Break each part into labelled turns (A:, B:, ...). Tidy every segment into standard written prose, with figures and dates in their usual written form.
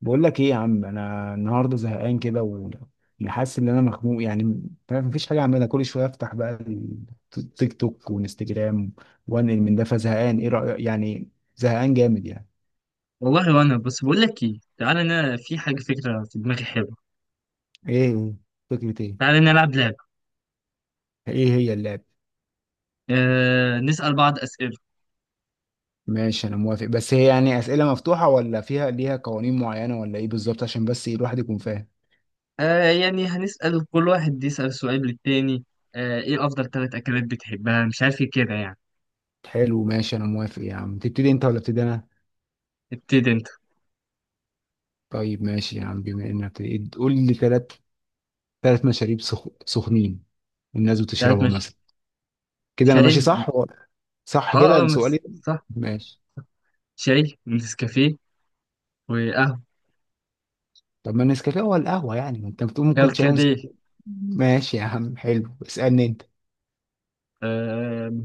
A: بقول لك ايه يا عم، انا النهارده زهقان كده وحاسس ان انا مخنوق يعني. فاهم، مفيش حاجه اعملها. كل شويه افتح بقى التيك توك وانستجرام وانقل من ده، فزهقان. ايه رايك يعني؟ زهقان جامد يعني.
B: والله وانا بس بقول لك ايه، تعالى، انا في حاجه، فكره في دماغي حلوه.
A: ايه؟ فكرة ايه؟
B: تعالى نلعب لعبه.
A: ايه هي اللعبه؟
B: نسال بعض اسئله.
A: ماشي انا موافق، بس هي يعني اسئله مفتوحه ولا فيها ليها قوانين معينه ولا ايه بالظبط، عشان بس إيه الواحد يكون فاهم.
B: يعني هنسال كل واحد يسال سؤال للتاني. ايه افضل ثلاث اكلات بتحبها؟ مش عارف ايه كده يعني.
A: حلو ماشي انا موافق يا عم. تبتدي انت ولا ابتدي انا؟
B: ابتدي انت.
A: طيب ماشي يا عم، بما انك بتبتدي، قول لي ثلاث، ثلاث مشاريب سخنين والناس
B: ثلاث،
A: بتشربه
B: مش،
A: مثلا. كده انا
B: شاي
A: ماشي
B: ون-
A: صح؟ صح
B: اه،
A: كده
B: اه،
A: سؤالي
B: بس
A: ده؟
B: صح.
A: ماشي.
B: شاي ونسكافيه وقهوه،
A: طب ما النسكافيه هو القهوه يعني، ما انت بتقول ممكن شاي
B: كركديه.
A: ونسكافيه. ماشي يا عم حلو، اسالني انت.
B: آه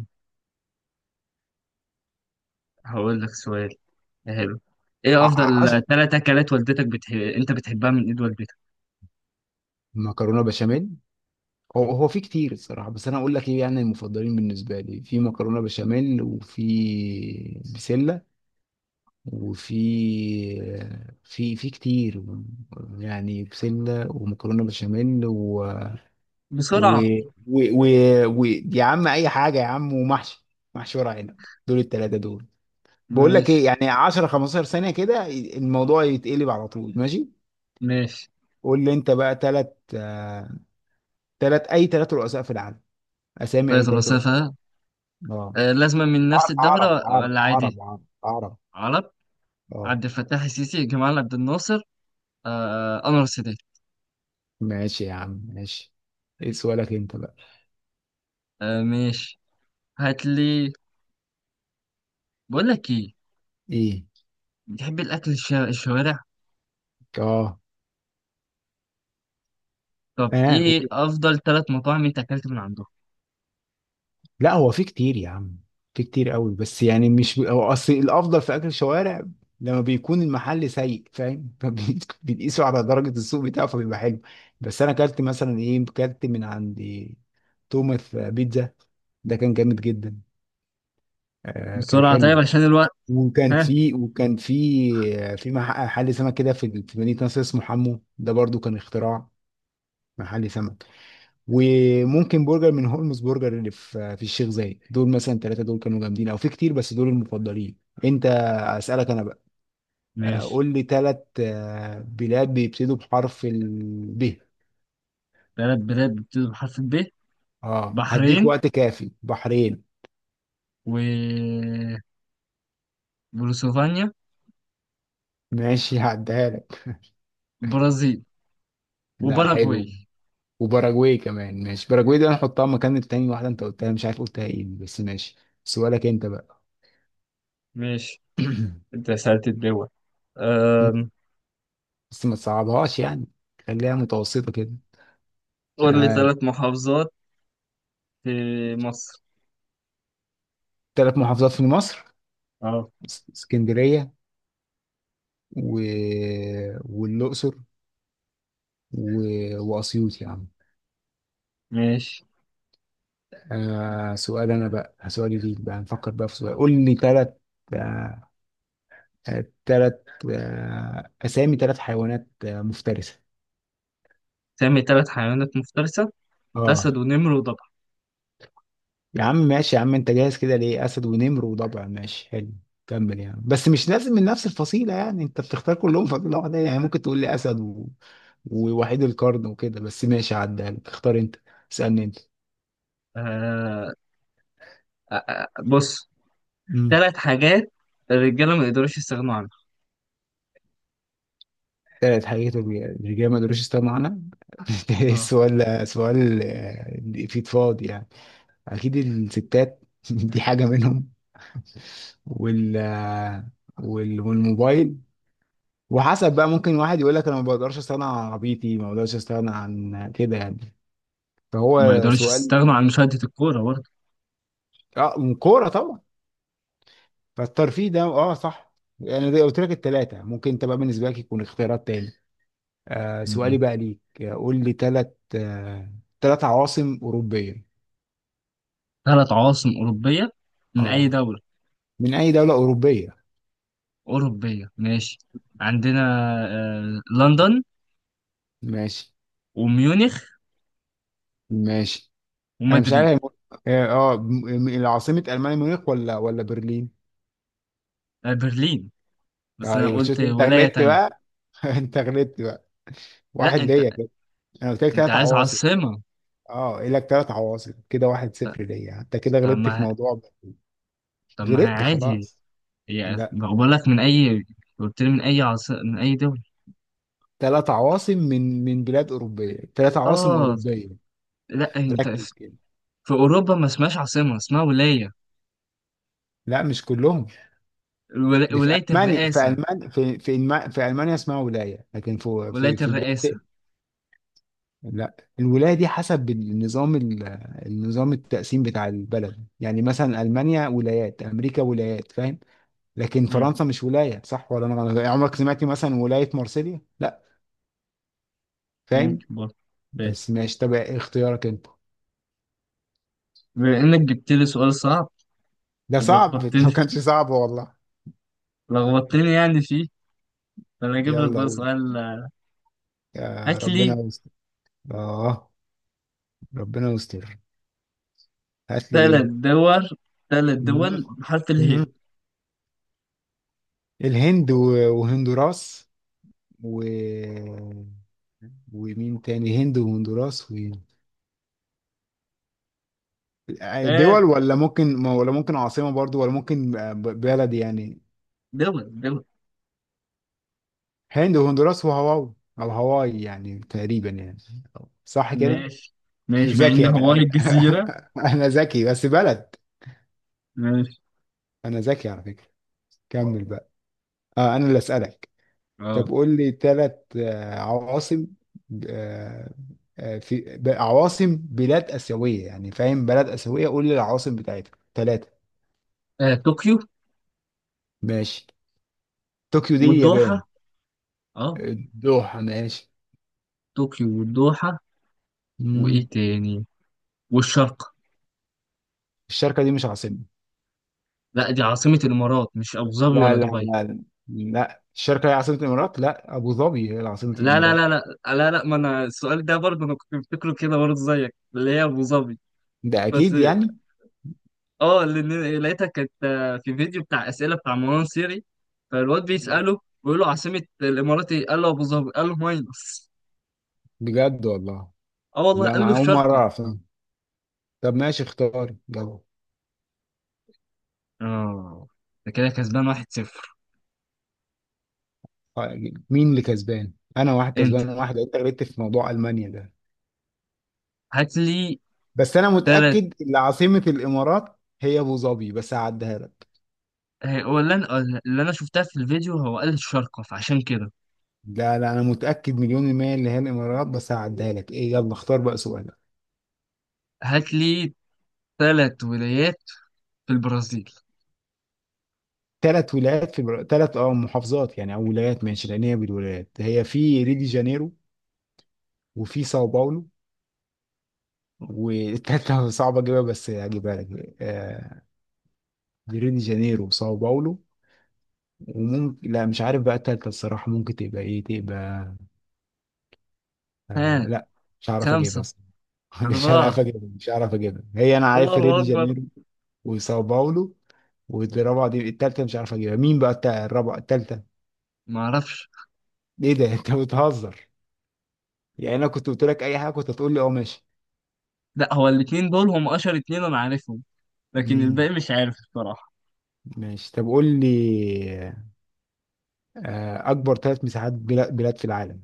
B: هقول لك سؤال. حلو. ايه
A: ع- ع- عش...
B: افضل ثلاث اكلات والدتك انت بتحبها من ايد والدتك؟
A: مكرونه بشاميل. هو في كتير الصراحه، بس انا اقول لك ايه، يعني المفضلين بالنسبه لي في مكرونه بشاميل، وفي بسله وفي في كتير، يعني بسله ومكرونه بشاميل و...
B: بسرعه.
A: و... و... يا عم، اي حاجه يا عم، ومحشي، محشي ورق عنب. دول الثلاثه دول. بقول لك ايه،
B: ماشي،
A: يعني 10 15 ثانيه كده الموضوع يتقلب على طول. ماشي،
B: ماشي.
A: قول لي انت بقى، ثلاث، ثلاث، اي ثلاث رؤساء في العالم، اسامي
B: طيب.
A: اي ثلاث رؤساء.
B: الوسافة.
A: اه.
B: لازمة من نفس
A: عر-
B: الدولة
A: عرب عرب
B: ولا عادي؟
A: عرب عرب عرب
B: عرب.
A: اه.
B: عبد الفتاح السيسي، جمال عبد الناصر، أنور السادات.
A: ماشي يا عم ماشي. ايه سؤالك انت بقى؟
B: ماشي. هات لي. بقول لك إيه،
A: ايه؟
B: بتحب الأكل الشوارع؟
A: اه.
B: طب
A: اه،
B: إيه أفضل ثلاث مطاعم أنت أكلت من عندهم؟
A: لا، هو في كتير يا عم، في كتير قوي، بس يعني مش هو اصل الافضل في اكل الشوارع لما بيكون المحل سيء، فاهم؟ فبيقيسوا على درجة السوق بتاعه فبيبقى حلو. بس انا اكلت مثلا، ايه، اكلت من عند توماس بيتزا، ده كان جامد جدا. آه كان
B: بسرعة. طيب
A: حلو.
B: عشان الوقت.
A: وكان
B: ها.
A: في وكان في محل سمك كده في مدينة نصر اسمه حمو، ده برضو كان اختراع، محل سمك. وممكن برجر من هولمز برجر اللي في الشيخ زايد. دول مثلا ثلاثة دول كانوا جامدين، او في كتير بس دول المفضلين. انت. اسالك انا بقى.
B: ماشي.
A: قول لي ثلاث بلاد بيبتدوا بحرف ب.
B: ثلاث بلاد بتبتدي بحرف الب.
A: اه هديك
B: بحرين،
A: وقت كافي. بحرين،
B: و بولوسوفانيا،
A: ماشي هعديها لك.
B: برازيل،
A: لا حلو.
B: وباراجواي.
A: وباراجواي كمان، ماشي. باراجواي دي هنحطها مكان التاني واحدة انت قلتها مش عارف قلتها ايه، بس ماشي. سؤالك انت بقى.
B: ماشي. انت سألت الدول. أم،
A: بس ما تصعبهاش يعني، خليها متوسطة كده.
B: قول لي
A: آه،
B: ثلاث محافظات في مصر.
A: ثلاث محافظات في مصر.
B: اه.
A: اسكندرية و... والأقصر و... وأسيوط يا عم.
B: ماشي.
A: آه، سؤال أنا بقى، سؤالي ليك بقى، نفكر بقى في سؤال. قول لي ثلاث، آه ثلاث أسامي ثلاث حيوانات مفترسة.
B: سامي ثلاث حيوانات مفترسة. أسد
A: اه.
B: ونمر وضبع.
A: يا عم ماشي يا عم، انت جاهز كده ليه؟ أسد ونمر وضبع، ماشي حلو. كمل يعني، بس مش لازم من نفس الفصيلة، يعني انت بتختار كلهم فصيلة واحدة، يعني ممكن تقول لي أسد ووحيد القرن وكده، بس ماشي عدها لك. اختار انت، اسألني.
B: آه بص.
A: انت.
B: ثلاث حاجات الرجالة ما يقدروش يستغنوا عنها.
A: كانت حقيقته الرجال ما قدروش يستغنوا عنها.
B: اه.
A: سؤال، آه، في فاضي يعني. اكيد الستات، دي حاجه منهم. وال آه، والموبايل. وحسب بقى، ممكن واحد يقول لك انا ما بقدرش استغنى عن عربيتي، ما بقدرش استغنى عن كده يعني،
B: ما
A: فهو
B: يقدروش
A: سؤال.
B: يستغنوا عن مشاهدة الكورة برضه
A: اه كوره طبعا، فالترفيه ده، اه صح. يعني زي قلت لك الثلاثه، ممكن انت بقى بالنسبه لك يكون اختيارات تاني. آه سؤالي
B: يعني.
A: بقى ليك، قول لي ثلاث، آه ثلاث عواصم اوروبيه.
B: ثلاث عواصم أوروبية، من أي
A: اه،
B: دولة
A: من اي دولة أوروبية.
B: أوروبية؟ ماشي، عندنا، لندن،
A: ماشي.
B: وميونخ،
A: ماشي. انا مش عارف،
B: ومدريد.
A: هي مو- اه آه، م- م- العاصمة ألمانيا ميونخ ولا برلين؟
B: برلين، بس أنا
A: ايوه،
B: قلت
A: شفت انت
B: ولاية
A: غلطت
B: تانية.
A: بقى، انت غلطت بقى.
B: لا،
A: واحد
B: أنت.
A: ليا كده. انا قلت لك
B: أنت
A: ثلاث
B: عايز
A: عواصم.
B: عاصمة.
A: اه، قايل لك ثلاث عواصم كده. واحد
B: لا.
A: صفر ليا، انت كده
B: طب
A: غلطت في
B: ما
A: موضوع بقى.
B: طب ما هي
A: غلطت
B: عادي
A: خلاص.
B: يعني.
A: لا،
B: بقول لك من اي، قلت لي من اي دولة.
A: ثلاث عواصم من بلاد أوروبية، ثلاث عواصم
B: اه.
A: أوروبية.
B: لا، انت.
A: ركز
B: في
A: كده.
B: في اوروبا ما اسمهاش عاصمة، اسمها ولاية.
A: لا مش كلهم. دي في
B: ولاية
A: ألمانيا، في
B: الرئاسة.
A: ألمانيا، في ألمانيا اسمها ولاية، لكن في
B: ولاية الرئاسة.
A: بلاد. لا، الولاية دي حسب النظام النظام التقسيم بتاع البلد، يعني مثلا ألمانيا ولايات، أمريكا ولايات، فاهم؟ لكن
B: مم.
A: فرنسا مش ولاية، صح ولا أنا غلط؟ عمرك سمعت مثلا ولاية مارسيليا؟ لا. فاهم.
B: ممكن برضه. طيب.
A: بس ماشي، طب اختيارك أنت.
B: بما انك جبت لي سؤال صعب،
A: ده صعب. لو
B: ولخبطتني،
A: كانش صعب والله.
B: لخبطتني يعني فيه، فانا اجيب لك
A: يلا
B: بقى
A: قول،
B: سؤال.
A: يا
B: هات
A: ربنا
B: لي
A: يستر. آه ربنا يستر. هات لي
B: ثلاث
A: إيه؟
B: دول، ثلاث
A: مم.
B: دول بحرف اله.
A: مم. الهند وهندوراس و ومين تاني؟ هند وهندوراس
B: آه
A: دول، ولا ممكن عاصمة برضو، ولا ممكن بلد يعني؟
B: دول، دول.
A: هند وهندوراس وهاواي، او هاواي يعني تقريبا يعني، صح كده.
B: ماشي. ماشي مع
A: ذكي
B: ان
A: يعني.
B: هواي
A: انا،
B: الجزيرة.
A: انا ذكي بس بلد.
B: ماشي.
A: انا ذكي على فكرة. كمل بقى. آه انا اللي اسالك. طب
B: اه.
A: قول لي ثلاث عواصم، آه، عواصم بلاد اسيوية يعني، فاهم؟ بلد اسيوية، قول لي العواصم بتاعتها ثلاثة.
B: طوكيو،
A: ماشي. طوكيو دي
B: والدوحة.
A: اليابان.
B: اه.
A: الدوحة ماشي.
B: طوكيو والدوحة.
A: مم.
B: وايه تاني؟ والشرق.
A: الشركة دي مش عاصمة.
B: لا، دي عاصمة الامارات، مش ابو ظبي
A: لا
B: ولا
A: لا
B: دبي؟
A: لا لا الشركة هي عاصمة الإمارات؟ لا، أبو ظبي هي عاصمة
B: لا، لا،
A: الإمارات.
B: لا، لا. لا، لا، ما انا السؤال ده برضه، انا كنت مفتكره كده برضه زيك اللي هي ابو ظبي.
A: ده
B: بس
A: أكيد يعني.
B: اه، اللي لقيتها كانت في فيديو بتاع اسئله بتاع مروان سيري، فالواد
A: مم.
B: بيساله بيقول له عاصمه الامارات ايه؟ قال له ابو ظبي، قال له ماينص.
A: بجد والله.
B: اه والله،
A: لا،
B: قال له
A: ما أول مرة
B: الشارقه.
A: أعرف. طب ماشي اختار يلا.
B: اه. ده كده كسبان 1-0.
A: آه، مين اللي كسبان؟ أنا واحد،
B: انت.
A: كسبان واحد، أنت غلطت في موضوع ألمانيا ده.
B: هات لي.
A: بس أنا متأكد إن عاصمة الإمارات هي أبو ظبي، بس هعديها لك.
B: هو اللي انا شفتها في الفيديو، هو قال الشارقة، فعشان كده.
A: لا لا، أنا متأكد مليون المية اللي هي الإمارات، بس هعديها لك. إيه، يلا اختار بقى سؤال.
B: هات لي ثلاث ولايات في البرازيل.
A: ثلاث ولايات في، ثلاث اه محافظات يعني او ولايات، ماشي، لان هي بالولايات. هي في ريو دي جانيرو وفي ساو باولو، والتالتة صعبة اجيبها، بس هجيبها لك. آه، ريو دي جانيرو وساو باولو، وممكن، لا مش عارف بقى التالتة الصراحة. ممكن تبقى ايه؟ تبقى،
B: ها.
A: آه لا، مش هعرف اجيبها
B: خمسة.
A: اصلا. مش هعرف
B: أربعة.
A: اجيبها، مش هعرف اجيبها. هي انا عارف ريو
B: الله
A: دي
B: أكبر.
A: جانيرو وساو باولو، والرابعة دي، التالتة، مش عارف اجيبها، مين بقى الرابعة، التالتة.
B: ما أعرفش.
A: ايه ده؟ انت بتهزر يعني؟ انا كنت قلت لك اي حاجة كنت هتقول لي اه ماشي.
B: لا، هو الاتنين دول هم أشهر اتنين أنا عارفهم، لكن الباقي
A: مم.
B: مش عارف الصراحة.
A: ماشي، طب قول لي، آه، اكبر ثلاث مساحات بلاد في العالم.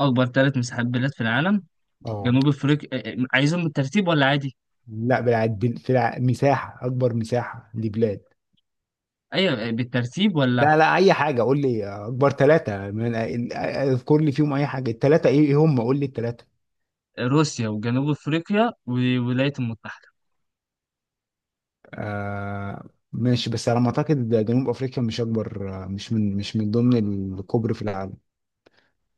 B: أكبر ثلاث مساحات بلاد في العالم.
A: اه.
B: جنوب أفريقيا. عايزهم بالترتيب ولا عادي؟
A: لا، بلاد، في الع... مساحة، اكبر مساحة لبلاد.
B: أيوة. بالترتيب ولا،
A: لا لا، اي حاجة، قول لي آه، اكبر ثلاثة اذكر لي فيهم اي حاجة، الثلاثة ايه، إيه هم، قول لي الثلاثة.
B: روسيا، وجنوب أفريقيا، والولايات المتحدة.
A: آه، ماشي، بس على ما اعتقد جنوب افريقيا مش اكبر، آه، مش من، ضمن الكبر في العالم.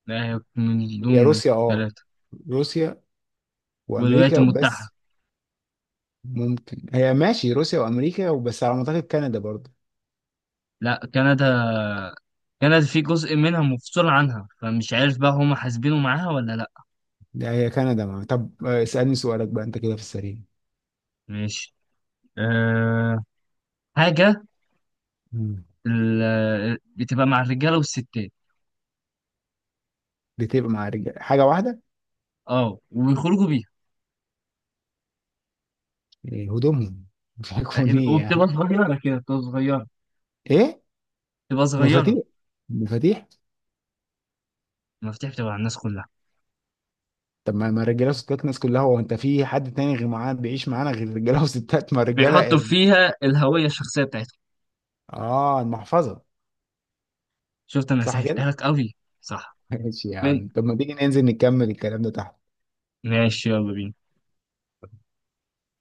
B: لا، هي من
A: هي
B: ضمن
A: روسيا اه،
B: الثلاثة.
A: روسيا
B: والولايات
A: وامريكا
B: المتحدة.
A: وبس. ممكن، هي ماشي، روسيا وامريكا وبس، على ما اعتقد كندا برضه.
B: لا، كندا كانت في جزء منها مفصول عنها، فمش عارف بقى هما حاسبينه معاها ولا لأ.
A: ده هي كندا ما. طب آه، اسألني سؤالك بقى انت كده في السريع.
B: ماشي. أه. حاجة
A: مم.
B: بتبقى مع الرجالة والستات.
A: بتبقى مع رجال، حاجة واحدة.
B: اه، وبيخرجوا بيها.
A: إيه، هدومهم؟ بيكون
B: آه،
A: ايه
B: وبتبقى
A: يعني؟
B: صغيرة كده، بتبقى صغيرة،
A: ايه؟
B: بتبقى صغيرة.
A: مفاتيح. مفاتيح.
B: المفاتيح؟ بتبقى على الناس كلها.
A: طب ما، ما الرجاله وستات الناس كلها، هو انت في حد تاني غير معانا بيعيش معانا غير رجاله وستات؟ ما الرجاله
B: بيحطوا
A: قرن.
B: فيها الهوية الشخصية بتاعتهم.
A: اه، المحفظة.
B: شفت، أنا
A: صح كده.
B: سهلتها لك أوي. صح.
A: ماشي
B: من-
A: يعني. طب ما تيجي ننزل نكمل الكلام ده تحت.
B: ماشي يلا بينا.